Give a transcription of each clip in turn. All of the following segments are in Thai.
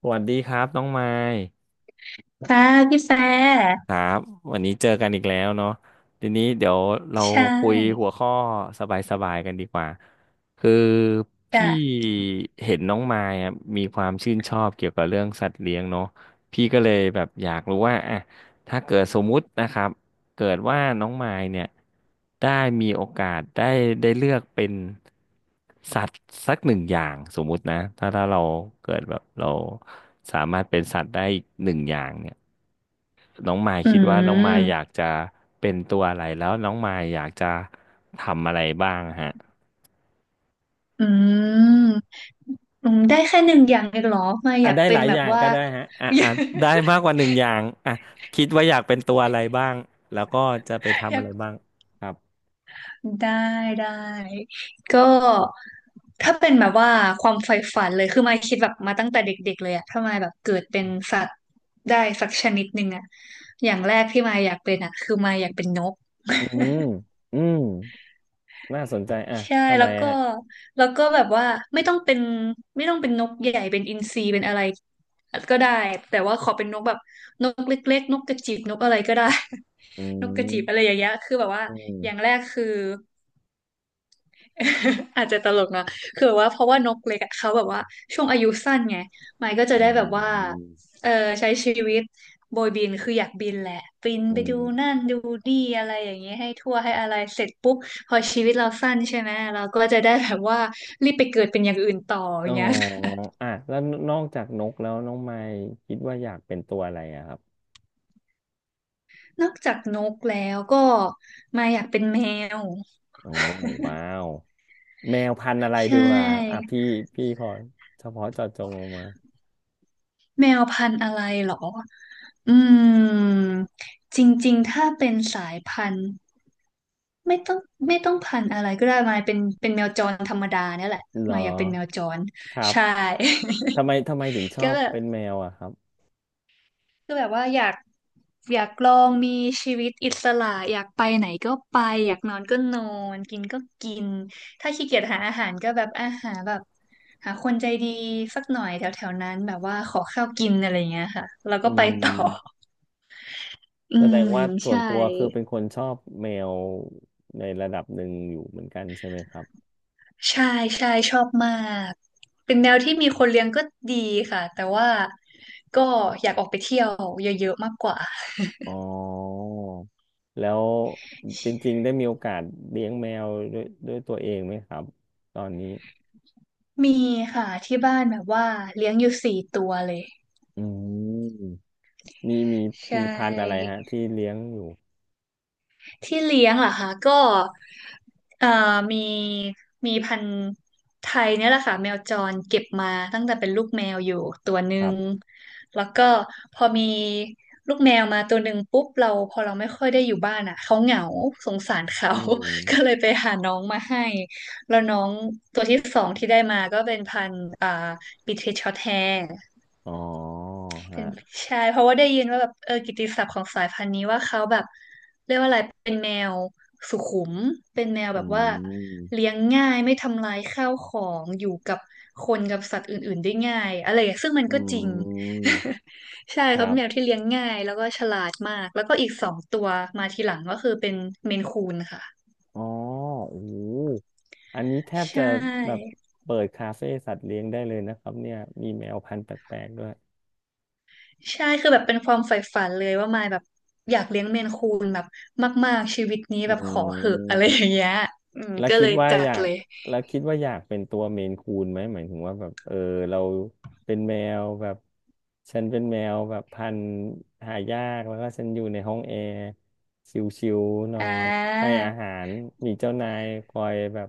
สวัสดีครับน้องไมค์ ค่ะพี่แฟร์ครับวันนี้เจอกันอีกแล้วเนาะทีนี้เดี๋ยวเราใช่คุยหัวข้อสบายๆกันดีกว่าคือพี่แต่เห็นน้องมายอะมีความชื่นชอบเกี่ยวกับเรื่องสัตว์เลี้ยงเนาะพี่ก็เลยแบบอยากรู้ว่าอ่ะถ้าเกิดสมมุตินะครับเกิดว่าน้องมายเนี่ยได้มีโอกาสได้เลือกเป็นสัตว์สักหนึ่งอย่างสมมุตินะถ้าเราเกิดแบบเราสามารถเป็นสัตว์ได้อีกหนึ่งอย่างเนี่ย น้องมายอืคิดว่าน้องมายอยามกจะเป็นตัวอะไรแล้วน้องมายอยากจะทำอะไรบ้างฮะอืมได้แค่หนึ่งอย่างเองเหรอมาออ่ะยากได้เป็หนลายแบอบย่างว่า ก็ได้ฮะอ่ะ อยาอ่ะได้มากกว่าหนึ่งอย่างอ่ะคิดว่าอยากเป็นตัวอะไรบ้างแล้วก็จะไปทำอะไรบ้ากงครับได้ได้ก็ถ้าเป็นแบบว่าความใฝ่ฝันเลยคือมายคิดแบบมาตั้งแต่เด็กๆเลยอะถ้ามายแบบเกิดเป็นสัตว์ได้สักชนิดหนึ่งอะอย่างแรกที่มายอยากเป็นอะคือมายอยากเป็นนก อืมอืมน่าสนใจอ่ะใช่ทำไมแล้วก็ฮะแล้วก็แบบว่าไม่ต้องเป็นไม่ต้องเป็นนกใหญ่เป็นอินทรีเป็นอะไรก็ได้แต่ว่าขอเป็นนกแบบนกเล็กๆนกกระจิบนกอะไรก็ได้ อื นกกระจิบอะไรอมย่างเงี้ยคือแบบว่าอืมอย่างแรกคือ อาจจะตลกนะคือว่าเพราะว่านกเล็กอะเขาแบบว่าช่วงอายุสั้นไงไมค์ก็จะอืได้แบบว่ามเออใช้ชีวิตโบยบินคืออยากบินแหละบินอืไปดูนั่มนดูนี่อะไรอย่างเงี้ยให้ทั่วให้อะไรเสร็จปุ๊บพอชีวิตเราสั้นใช่ไหมเราก็จะได้แบบว่ารีบไปเกิดเป็นอย่างอื่นต่อออ๋อย่างเงี้ย อ่ะแล้วนอกจากนกแล้วน้องไมค์คิดว่าอยากเป็นตัวอะไรอะครับ นอกจากนกแล้วก็มาอยากเป็นแมวโอ้ว้าว แมวพันธุ์อะไรใชดีกว่าอ่ะ่พี่ขอเฉพาะเจาะจงลงมาแมวพันธุ์อะไรเหรออืมจริงๆถ้าเป็นสายพันธุ์ ไม่ต้องไม่ต้องพันธุ์อะไรก็ได้มายเป็นเป็นแมวจรธรรมดาเนี่ยแหละเหรอมายอยากเป็นแมวจรครับใช่ ทำไมถึงช อก็บแบบเป็นแมวอะครับก็แบบว่าอยากอยากลองมีชีวิตอิสระอยากไปไหนก็ไปอยากนอนก็นอนกินก็กินถ้าขี้เกียจหาอาหารก็แบบอาหารแบบหาคนใจดีสักหน่อยแถวแถวนั้นแบบว่าขอข้าวกินอะไรเงี้ยค่ะแล้วอืก็ไปต่อ ม อืแสดงมว่าส่วใช่ นตัวคือเป็นคนชอบแมวในระดับหนึ่งอยู่เหมือนกันใช่ไหมครับใช่ใช่ชอบมากเป็นแนวที่มีคนเลี้ยงก็ดีค่ะแต่ว่าก็อยากออกไปเที่ยวเยอะๆมากกว่าอ๋อแล้วจริงๆได้มีโอกาสเลี้ยงแมวด้วยตัวเองไหมครับตอนนี้มีค่ะที่บ้านแบบว่าเลี้ยงอยู่สี่ตัวเลยอืมมีใชมีพันธุ์อะไร่ ฮะที่เลี้ยงอยู่ที่เลี้ยงเหรอคะก็เอ่อมีมีพันธุ์ไทยเนี่ยแหละค่ะแมวจรเก็บมาตั้งแต่เป็นลูกแมวอยู่ตัวหนึ่ครังบแล้วก็พอมีลูกแมวมาตัวหนึ่งปุ๊บเราพอเราไม่ค่อยได้อยู่บ้านอ่ะเขาเหงาสงสารเขา อืม ก็เลยไปหาน้องมาให้แล้วน้องตัวที่สองที่ได้มาก็เป็นพันธุ์บิเทชช็อตแฮร์ อ๋อเป็นฮะใช่เพราะว่าได้ยินว่าแบบเออกิตติศัพท์ของสายพันธุ์นี้ว่าเขาแบบเรียกว่าอะไรเป็นแมวสุขุมเป็นแมวอืแบบว่าเลี้มยงง่ายไม่ทำลายข้าวของอยู่กับคนกับสัตว์อื่นๆได้ง่ายอะไรอย่างซึ่งมันอืก็จริง ม ใช่คครับรับ แมวที่เลี้ยงง่ายแล้วก็ฉลาดมากแล้วก็อีกสองตัวมาทีหลังก็คือเป็นเมนคูนค่ะอ๋อโอ้โหอันนี้แทบใชจะแบบ่ เปิดคาเฟ่สัตว์เลี้ยงได้เลยนะครับเนี่ยมีแมวพันธุ์แปลกๆด้วยใช่คือแบบเป็นความใฝ่ฝันเลยว่ามายแบบอยากเลี้ยงเมนคูนแบบมากๆชีวิตนี้อืแบบขอเหอะอะม ไรอย่างเงี้ยอืมแล้วก็คิเลดยว่าจัอดยากเลยแล้วคิดว่าอยากเป็นตัวเมนคูนไหมหมายถึงว่าแบบเออเราเป็นแมวแบบฉันเป็นแมวแบบพันธุ์หายากแล้วก็ฉันอยู่ในห้องแอร์ชิวๆนออ่นให้าอาหารมีเจ้านายคอยแบบ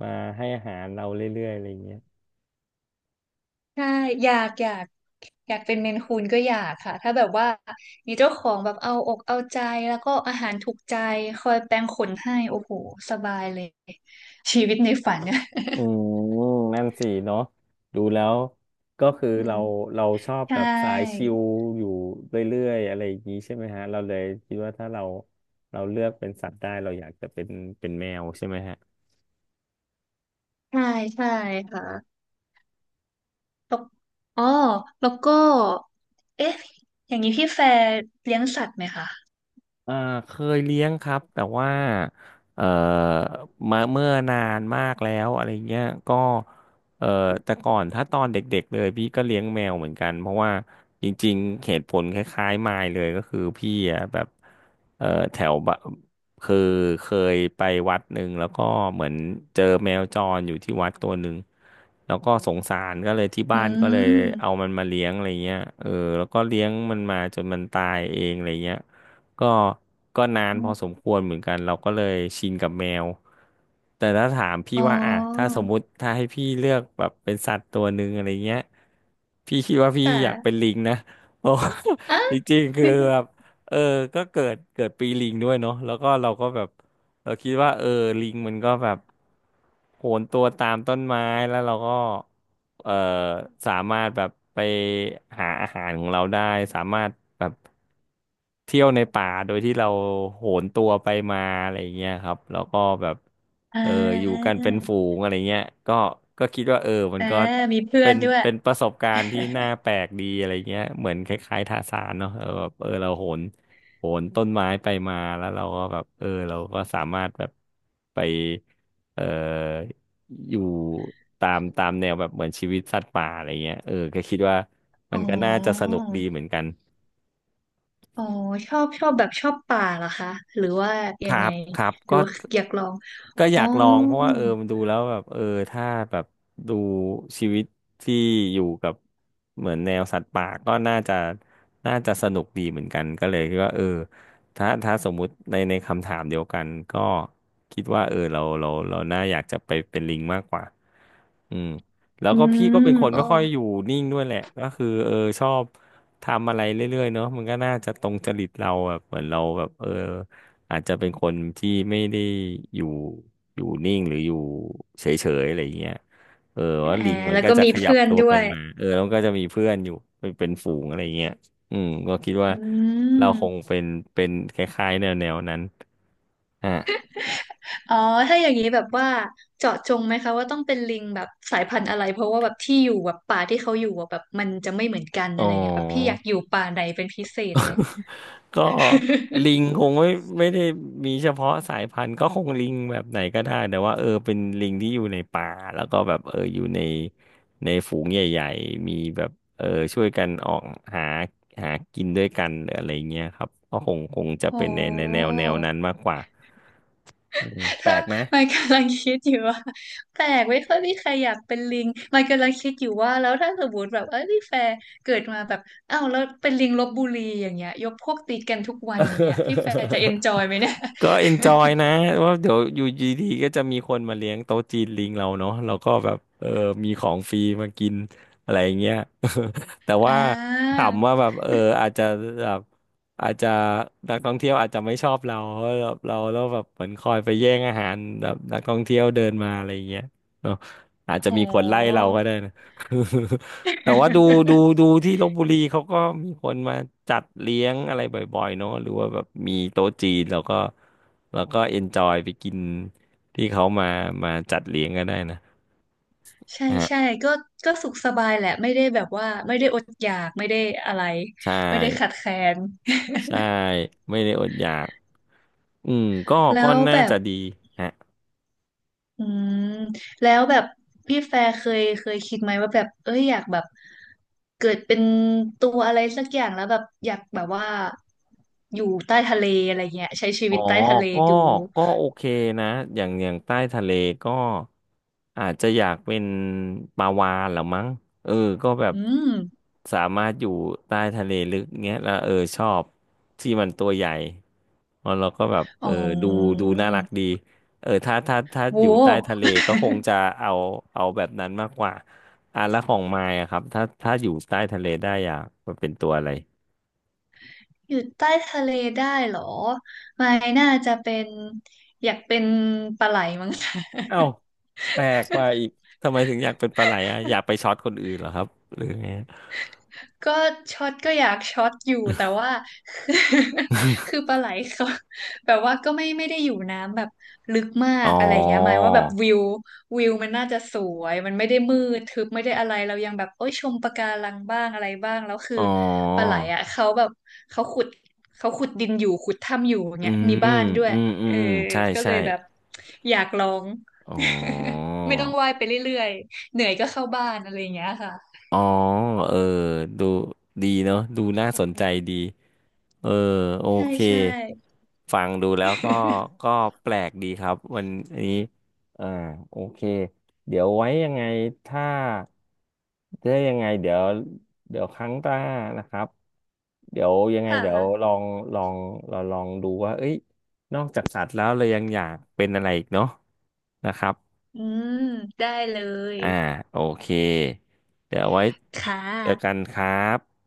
มาให้อาหารเราเรื่อยๆอะไรอย่างเงี้ย ใช่อยากอยากอยากเป็นเมนคูนก็อยากค่ะถ้าแบบว่ามีเจ้าของแบบเอาอกเอาใจแล้วก็อาหารถูกใจคอยแปรงขนให้โอ้โหสบายเลยชีวิตในฝันเนี่ย อืมนั่นสิเนาะดูแล้วก็คือ อืมเราชอบใช่แบบสายชิลอยู่เรื่อยๆอะไรอย่างนี้ใช่ไหมฮะเราเลยคิดว่าถ้าเราเราเลือกเป็นสัตว์ได้เราอยากจะเป็นเป็นแมวใช่ไหมฮะ ใช่ใช่ค่ะ แล้วอ๋อแล้วก็เอ๊ะอย่างนี้พี่แฟร์เลี้ยงสัตว์ไหมคะเอ่อเคยเลี้ยงครับแต่ว่าเอ่อมาเมื่อนานมากแล้วอะไรเงี้ยก็เอ่อแต่ก่อนถ้าตอนเด็กๆเลยพี่ก็เลี้ยงแมวเหมือนกันเพราะว่าจริงๆเหตุผลคล้ายๆมายเลยก็คือพี่อะแบบเอ่อแถวบะคือเคยไปวัดหนึ่งแล้วก็เหมือนเจอแมวจรอยู่ที่วัดตัวหนึ่งแล้วก็สงสารก็เลยที่อืบ้านก็เลยมเอามันมาเลี้ยงอะไรเงี้ยเออแล้วก็เลี้ยงมันมาจนมันตายเองอะไรเงี้ย ก็ก็นานพอสมควรเหมือนกันเราก็เลยชินกับแมวแต่ถ้าถามพี่อ๋อว่าอ่ะถ้าสมมุติถ้าให้พี่เลือกแบบเป็นสัตว์ตัวหนึ่งอะไรเงี้ยพี่คิดว่าพี่คอยากเป็น่ะลิงนะ เพราะว่า อ่ะ จริงๆคือแบบ เออก็เกิดปีลิงด้วยเนาะแล้วก็เราก็แบบ เราคิดว่าเออลิงมันก็แบบโหนตัวตามต้นไม้แล้วเราก็เออสามารถแบบไปหาอาหารของเราได้สามารถแบบเที่ยวในป่าโดยที่เราโหนตัวไปมาอะไรอย่างเงี้ยครับแล้วก็แบบอ่เอออยู่ากันเป็นฝูงอะไรเงี้ยก็ก็คิดว่าเออมันอ่าก็มีเพื่อเป็นนด้วยเป็นประสบการณ์ที่น่าแปลกดีอะไรเงี้ยเหมือนคล้ายๆทาสานเนาะเออแบบเออเราโหน โหนต้นไม้ไปมาแล้วเราก็แบบเออเราก็สามารถแบบไปเอ่ออยู่ตามตามแนวแบบเหมือนชีวิตสัตว์ป่าอะไรเงี้ยเออก็คิดว่ามัอ๋อนก็น่าจะสนุกดีเหมือนกันอ๋อชอบชอบแบบชอบป่าเหรอคะหรือว่าคยัรังไงบครับหรืก็ อว่าอยากลองก็ออ๋อยากลองเพราะว่าเออมันดูแล้วแบบเออถ้าแบบดูชีวิตที่อยู่กับเหมือนแนวสัตว์ป่าก็น่าจะน่าจะสนุกดีเหมือนกันก็เลยคิดว่าเออถ้าสมมุติในคำถามเดียวกันก็คิดว่าเออเราน่าอยากจะไปเป็นลิงมากกว่าอืมแล้วอืก็พี่ก็มเป็นคนอ๋อไม่ค่อยอยู่นิ่งด้วยแหละก็คือเออชอบ ทำอะไรเรื่อยๆเนาะมันก็น่าจะตรงจริตเราแบบเหมือนเราแบบเอออาจจะเป็นคนที่ไม่ได้อยู่อยู่นิ่งหรืออยู่เฉยๆอะไรอย่างเงี้ยเอออ่าว่าลิงมันแล้วก็ก็จะมีขยับเพื่อนตัวด้ไปวยมาเออแล้วมันก็จะมีเพื่อนอยู่เป็นเป็นฝูงอะไรอย่างเงี้ยอืมก็คิดว่าอืเราคงม เป็นเป็นคล้ายๆแนวๆนั้นอ่ะอ๋อถ้าอย่างนี้แบบว่าเจาะจงไหมคะว่าต้องเป็นลิงแบบสายพันธุ์อะไรเพราะว่าแบบที่อยู่แบบป่าที่เขาอยู่อะแบบมันจะไม่เหมือนกันอ๋อะอ ไรเงี้ยแบบพี่อยากอยู่ป่าไหนเป็นพิเศษไหม ก็ลิ งคงไม่ได้มีเฉพาะสายพันธุ์ก็คงลิงแบบไหนก็ได้แต่ว่าเป็นลิงที่อยู่ในป่าแล้วก็แบบอยู่ในฝูงใหญ่ๆมีแบบเออช่วยกันออกหาหากินด้วยกันหรืออะไรเงี้ยครับก็คงจะโอ้ เป็นในแนวนั้นมากกว่าอืม แปลถ้า กไหม มันกำลังคิดอยู่ว่าแปลกไม่ค่อยมีใครอยากเป็นลิงมันกำลังคิดอยู่ว่าแล้วถ้าสมมติแบบเออนี่แฟร์เกิดมาแบบอ้าวแล้วเป็นลิงลพบุรีอย่างเงี้ยยกพวกตีกันทุกวันอย่างเงี้ยพี่แฟร์จะเอ นจอยไหมเนี่ย ก็เอนจอยนะว่าเดี๋ยวอยู่ดีๆก็จะมีคนมาเลี้ยงโต๊ะจีนลิงเราเนาะเราก็แบบมีของฟรีมากินอะไรอย่างเงี้ย แต่ อ่ว่าาถามว่าแบบอาจจะแบบอาจจะนักท่องเที่ยวอาจจะไม่ชอบเราเพราะแบบเราแล้วแบบเหมือนคอยไปแย่งอาหารแบบนักท่องเที่ยวเดินมาอะไรอย่างเงี้ยเนาะอาจจะโห มีคนไล่เราก็ได้นะ แต่ว่าดู ดูที่ลพบุรีเขาก็มีคนมาจัดเลี้ยงอะไรบ่อยๆเนอะหรือว่าแบบมีโต๊ะจีนแล้วก็เอนจอยไปกินที่เขามาจัดเลี้ยงก็ได้นะใช่ฮะใช่ก็ก็สุขสบายแหละไม่ได้แบบว่าไม่ได้อดอยากไม่ได้อะไรใช่ไม่ได้ขัดแคลน ใช่ไม่ได้อดอยากอืมก็ แล้ก็วน่าแบบจะดีฮะ อืมแล้วแบบพี่แฟร์เคยคิดไหมว่าแบบเอ้ยอยากแบบเกิดเป็นตัวอะไรสักอย่างแล้วแบบอยากแบบว่าอยู่ใต้ทะเลอะไรเงี้ยใช้ชีอ๋วิอตใต้ทะเลก็ดูก็โอเคนะอย่างใต้ทะเลก็อาจจะอยากเป็นปลาวาฬเหรือมั้งเออก็แบบอืมสามารถอยู่ใต้ทะเลลึกเงี้ยแล้วชอบที่มันตัวใหญ่แล้วเราก็แบบอ๋อดูดูน่ารักดีถ้าโอยู่ใต้หทะเลก็คงจะเอาเอาแบบนั้นมากกว่าอ่ะแล้วของมายอะครับถ้าอยู่ใต้ทะเลได้อยากมันเป็นตัวอะไร อยู่ใต้ทะเลได้เหรอไม่น่าจะเป็นอยากเป็นปลาไหลมั้ง เอ้าแปลกว่าอีกทำไมถึงอยากเป็นปลาไหลอ่ะอยากไปช็อตคนอื่นเหรอครับหรือไง ก็ช็อตก็อยากช็อตอยู่แต่ว่า คือ ปลาไหลเขา แบบว่าก็ไม่ได้อยู่น้ำแบบลึกมาอ๋อกอะไรเงี้ยหมายว่าแบบวิววิวมันน่าจะสวยมันไม่ได้มืดทึบไม่ได้อะไรเรายังแบบโอ้ยชมปะการังบ้างอะไรบ้างแล้วคืออ๋อปลาไหลอ่ะเขาแบบเขาขุดเขาขุดดินอยู่ขุดถ้ำอยู่อืเงี้ยมีบ้ามนด้วยอืมอืมเอออืมใช่ก็เลใช่ยแบบอยากลอง อ๋อ ไม่ต้องว่ายไปเรื่อยๆเหนื่อยก็เข้าบ้านอะไรอย่างเงี้ยค่ะอ๋อเออดูดีเนาะดูน่าสนใจดี เออโอใช่เคใช่ฟังดูแล้วก็ก็แปลกดีครับวันนี้อ่าโอเคเดี๋ยวไว้ยังไงถ้าถ้ายังไงเดี๋ยวครั้งหน้านะครับเดี๋ยวยังไงค่เดี๋ยวลอะ งลองเราลองดูว่าเอ้ยนอกจากสัตว์แล้วเรายังอยากเป็นอะไรอีกเนาะนะครับอืมได้เลยอ่าโอเคเดี๋ยวไว้ค่เจอกันะครับ